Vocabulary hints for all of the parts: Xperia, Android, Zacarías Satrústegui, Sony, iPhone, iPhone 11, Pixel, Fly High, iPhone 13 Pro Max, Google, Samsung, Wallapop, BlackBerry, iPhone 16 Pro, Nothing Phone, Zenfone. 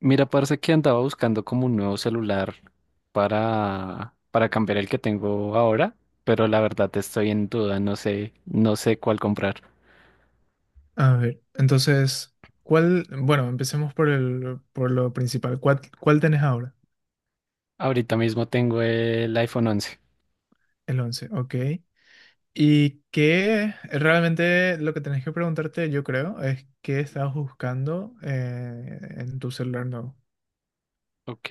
Mira, parece que andaba buscando como un nuevo celular para cambiar el que tengo ahora, pero la verdad estoy en duda, no sé, no sé cuál comprar. A ver, entonces, ¿cuál? Bueno, empecemos por lo principal. ¿Cuál tenés ahora? Ahorita mismo tengo el iPhone 11. El 11, ok. Y que realmente lo que tenés que preguntarte, yo creo, es qué estás buscando en tu celular nuevo. Ok,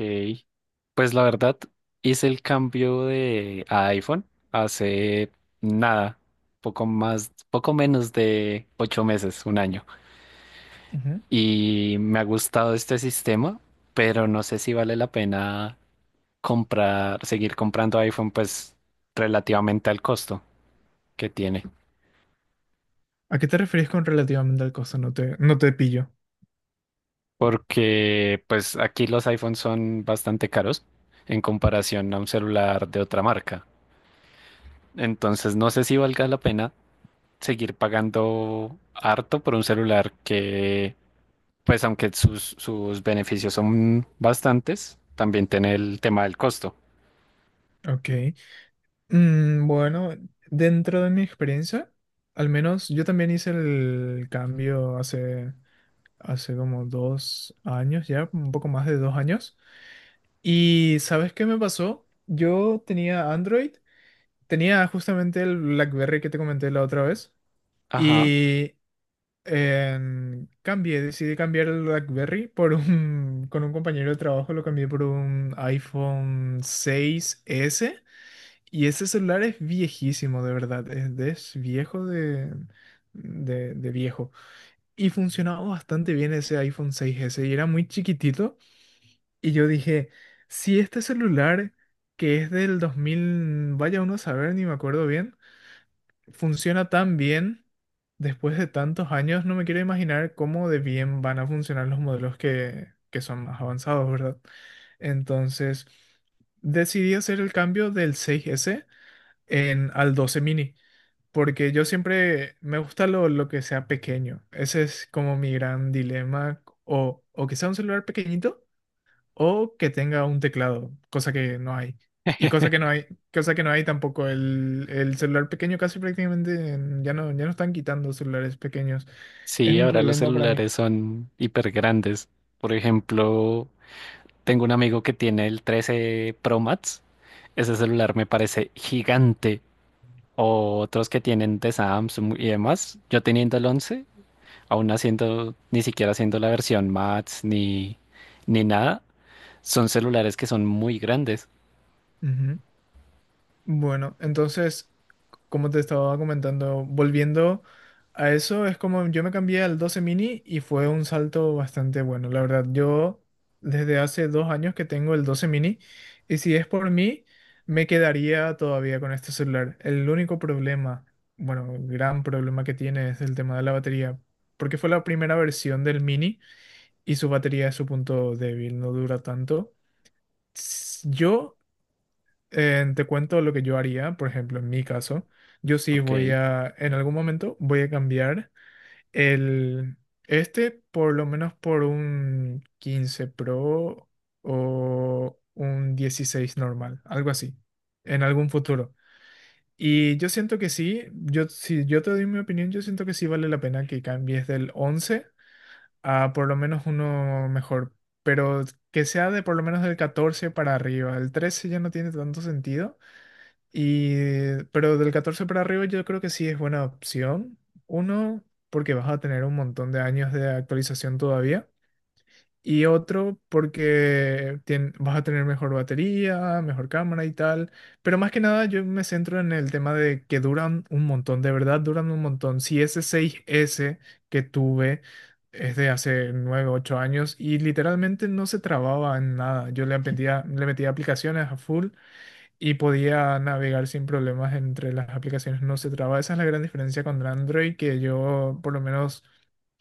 pues la verdad hice el cambio de a iPhone hace nada, poco más, poco menos de 8 meses, un año, Ujú. y me ha gustado este sistema, pero no sé si vale la pena comprar, seguir comprando iPhone, pues relativamente al costo que tiene. ¿A qué te refieres con relativamente al costo? No te pillo. Porque pues aquí los iPhones son bastante caros en comparación a un celular de otra marca. Entonces no sé si valga la pena seguir pagando harto por un celular que, pues aunque sus beneficios son bastantes, también tiene el tema del costo. Ok. Bueno, dentro de mi experiencia, al menos yo también hice el cambio hace como 2 años ya, un poco más de 2 años. ¿Y sabes qué me pasó? Yo tenía Android, tenía justamente el BlackBerry que te comenté la otra vez Ajá. y decidí cambiar el BlackBerry con un compañero de trabajo, lo cambié por un iPhone 6S y ese celular es viejísimo, de verdad, es viejo de viejo y funcionaba bastante bien ese iPhone 6S y era muy chiquitito. Y yo dije, si este celular, que es del 2000 vaya uno a saber, ni me acuerdo bien, funciona tan bien después de tantos años, no me quiero imaginar cómo de bien van a funcionar los modelos que son más avanzados, ¿verdad? Entonces, decidí hacer el cambio del 6S al 12 mini, porque yo siempre me gusta lo que sea pequeño. Ese es como mi gran dilema, o que sea un celular pequeñito o que tenga un teclado, cosa que no hay. Y cosa que no hay, cosa que no hay tampoco. El celular pequeño casi prácticamente ya no están quitando celulares pequeños. Es Sí, un ahora los problema para mí. celulares son hiper grandes. Por ejemplo, tengo un amigo que tiene el 13 Pro Max. Ese celular me parece gigante. O otros que tienen de Samsung y demás. Yo teniendo el once, aún haciendo, ni siquiera haciendo la versión Max ni nada, son celulares que son muy grandes. Ujú. Bueno, entonces como te estaba comentando, volviendo a eso, es como yo me cambié al 12 mini y fue un salto bastante bueno. La verdad, yo desde hace 2 años que tengo el 12 mini y si es por mí, me quedaría todavía con este celular. El único problema, bueno, gran problema que tiene es el tema de la batería, porque fue la primera versión del mini y su batería es su punto débil, no dura tanto. Yo te cuento lo que yo haría, por ejemplo, en mi caso, yo sí Ok. En algún momento voy a cambiar el, este por lo menos por un 15 Pro o un 16 normal, algo así, en algún futuro. Y yo siento que sí, si yo te doy mi opinión, yo siento que sí vale la pena que cambies del once a por lo menos uno mejor, pero que sea de por lo menos del 14 para arriba, el 13 ya no tiene tanto sentido. Pero del 14 para arriba yo creo que sí es buena opción. Uno, porque vas a tener un montón de años de actualización todavía. Y otro, porque vas a tener mejor batería, mejor cámara y tal. Pero más que nada yo me centro en el tema de que duran un montón, de verdad duran un montón. Si ese seis s que tuve es de hace 9 8 años y literalmente no se trababa en nada. Yo le metía, le metía aplicaciones a full y podía navegar sin problemas entre las aplicaciones, no se traba. Esa es la gran diferencia con Android que yo por lo menos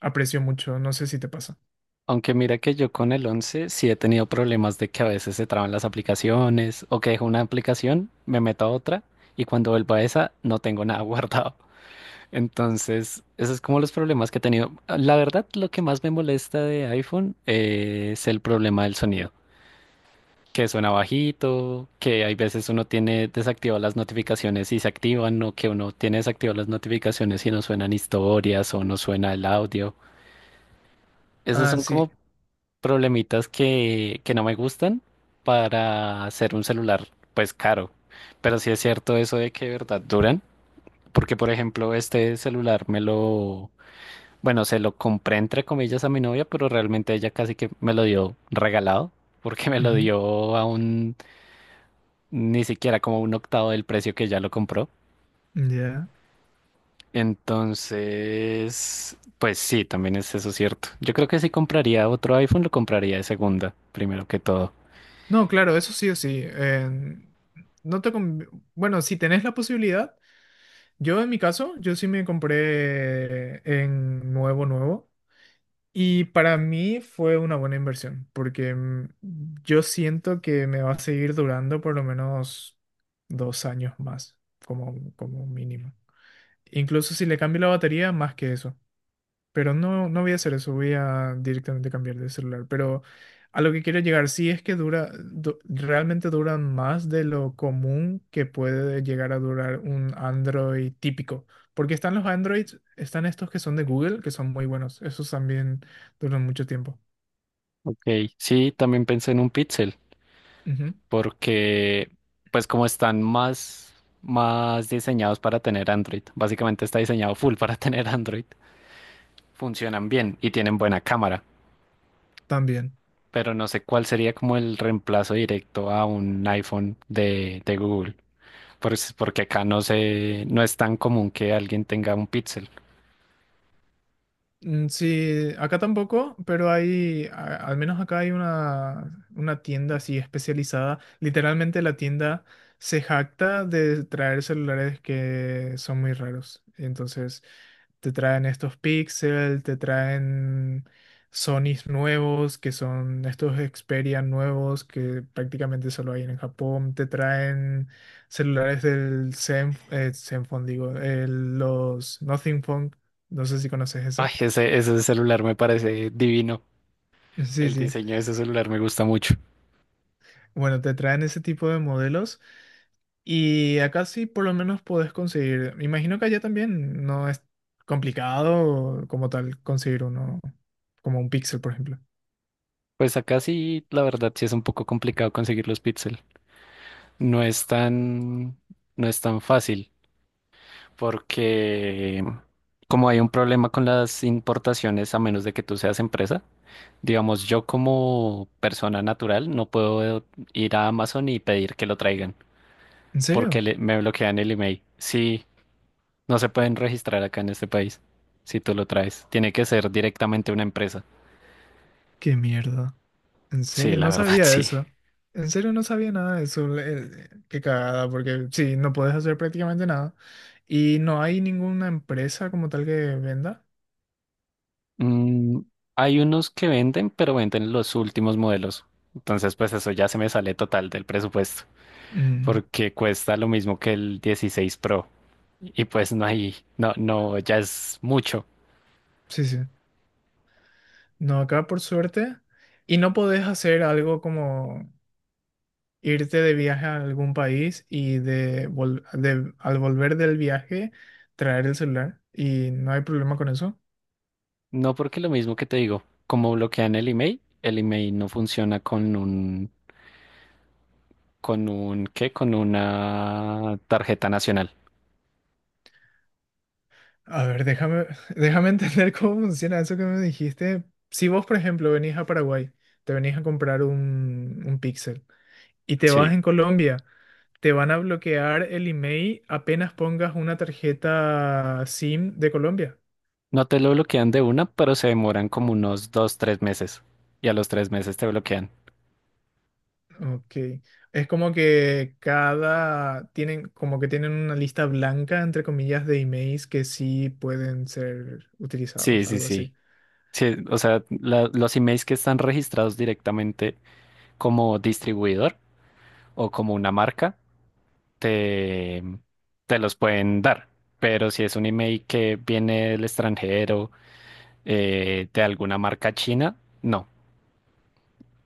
aprecio mucho, no sé si te pasa. Aunque mira que yo con el once sí he tenido problemas de que a veces se traban las aplicaciones o que dejo una aplicación, me meto a otra y cuando vuelvo a esa no tengo nada guardado. Entonces, esos es como los problemas que he tenido. La verdad, lo que más me molesta de iPhone es el problema del sonido, que suena bajito, que hay veces uno tiene desactivadas las notificaciones y se activan, o que uno tiene desactivadas las notificaciones y no suenan historias o no suena el audio. Esos Ah, son sí. como problemitas que no me gustan para hacer un celular, pues caro. Pero sí es cierto eso de que de verdad duran, porque por ejemplo, este celular me lo Bueno, se lo compré entre comillas a mi novia, pero realmente ella casi que me lo dio regalado, porque me lo Ujú. dio a un, ni siquiera como un octavo del precio que ya lo compró. Ya. Entonces, pues sí, también es eso cierto. Yo creo que si compraría otro iPhone, lo compraría de segunda, primero que todo. No, claro, eso sí o sí. No te conv- Bueno, si tenés la posibilidad, yo en mi caso, yo sí me compré en nuevo, nuevo. Y para mí fue una buena inversión, porque yo siento que me va a seguir durando por lo menos 2 años más, como mínimo. Incluso si le cambio la batería, más que eso. Pero no, no voy a hacer eso, voy a directamente cambiar de celular. Pero a lo que quiero llegar, sí es que realmente duran más de lo común que puede llegar a durar un Android típico. Porque están los Androids, están estos que son de Google, que son muy buenos. Esos también duran mucho tiempo. Ok, sí, también pensé en un Pixel, Ujú, porque pues como están más diseñados para tener Android, básicamente está diseñado full para tener Android, funcionan bien y tienen buena cámara. también. Pero no sé cuál sería como el reemplazo directo a un iPhone de Google, porque acá no sé, no es tan común que alguien tenga un Pixel. Sí, acá tampoco, pero al menos acá hay una tienda así especializada. Literalmente la tienda se jacta de traer celulares que son muy raros. Entonces te traen estos Pixel, te traen Sonys nuevos, que son estos Xperia nuevos que prácticamente solo hay en Japón, te traen celulares del Zenfone, digo, los Nothing Phone, no sé si conoces Ay, ese. Ese celular me parece divino. Sí, El sí. diseño de ese celular me gusta mucho. Bueno, te traen ese tipo de modelos y acá sí por lo menos podés conseguir. Me imagino que allá también no es complicado como tal conseguir uno, como un Pixel, por ejemplo. Pues acá sí, la verdad, sí es un poco complicado conseguir los Pixel. No es tan, no es tan fácil, porque como hay un problema con las importaciones, a menos de que tú seas empresa, digamos, yo como persona natural no puedo ir a Amazon y pedir que lo traigan ¿En porque serio? Me bloquean el email. Sí, no se pueden registrar acá en este país si tú lo traes. Tiene que ser directamente una empresa. ¿Qué mierda? ¿En Sí, serio? la No verdad, sabía sí. eso. En serio no sabía nada de eso. Qué cagada, porque sí, no puedes hacer prácticamente nada. Y no hay ninguna empresa como tal que venda. Mm, hay unos que venden, pero venden los últimos modelos. Entonces, pues eso ya se me sale total del presupuesto Ujú. porque cuesta lo mismo que el 16 Pro y pues no hay, no, no, ya es mucho. Sí, sí. No, acá por suerte. Y no podés hacer algo como irte de viaje a algún país y al volver del viaje traer el celular y no hay problema con eso. No, porque lo mismo que te digo, como bloquean el email no funciona con un, ¿qué? Con una tarjeta nacional. A ver, déjame, déjame entender cómo funciona eso que me dijiste. Si vos, por ejemplo, venís a Paraguay, te venís a comprar un Pixel y te Sí. vas en Colombia, te van a bloquear el email apenas pongas una tarjeta SIM de Colombia. No te lo bloquean de una, pero se demoran como unos 2, 3 meses. Y a los 3 meses te bloquean. Ok. Es como que como que tienen una lista blanca, entre comillas, de emails que sí pueden ser Sí, utilizados, sí, algo así. sí. Sí, o sea, los emails que están registrados directamente como distribuidor o como una marca, te, te los pueden dar. Pero si es un email que viene del extranjero de alguna marca china, no.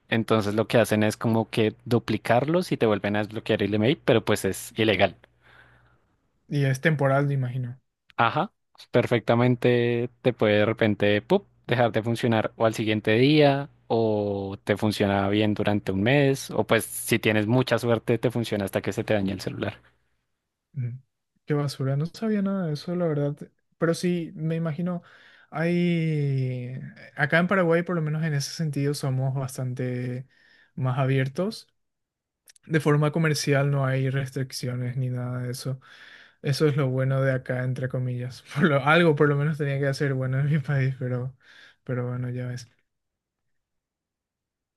Entonces lo que hacen es como que duplicarlos y te vuelven a desbloquear el email, pero pues es ilegal. Y es temporal, me imagino. Ajá, perfectamente te puede de repente ¡pup! Dejar de funcionar o al siguiente día o te funciona bien durante un mes o pues si tienes mucha suerte te funciona hasta que se te dañe el celular. Mm, Qué basura, no sabía nada de eso, la verdad. Pero sí, me imagino, hay. Acá en Paraguay, por lo menos en ese sentido, somos bastante más abiertos. De forma comercial no hay restricciones ni nada de eso. Eso es lo bueno de acá, entre comillas. Algo por lo menos tenía que hacer bueno en mi país, pero bueno, ya ves.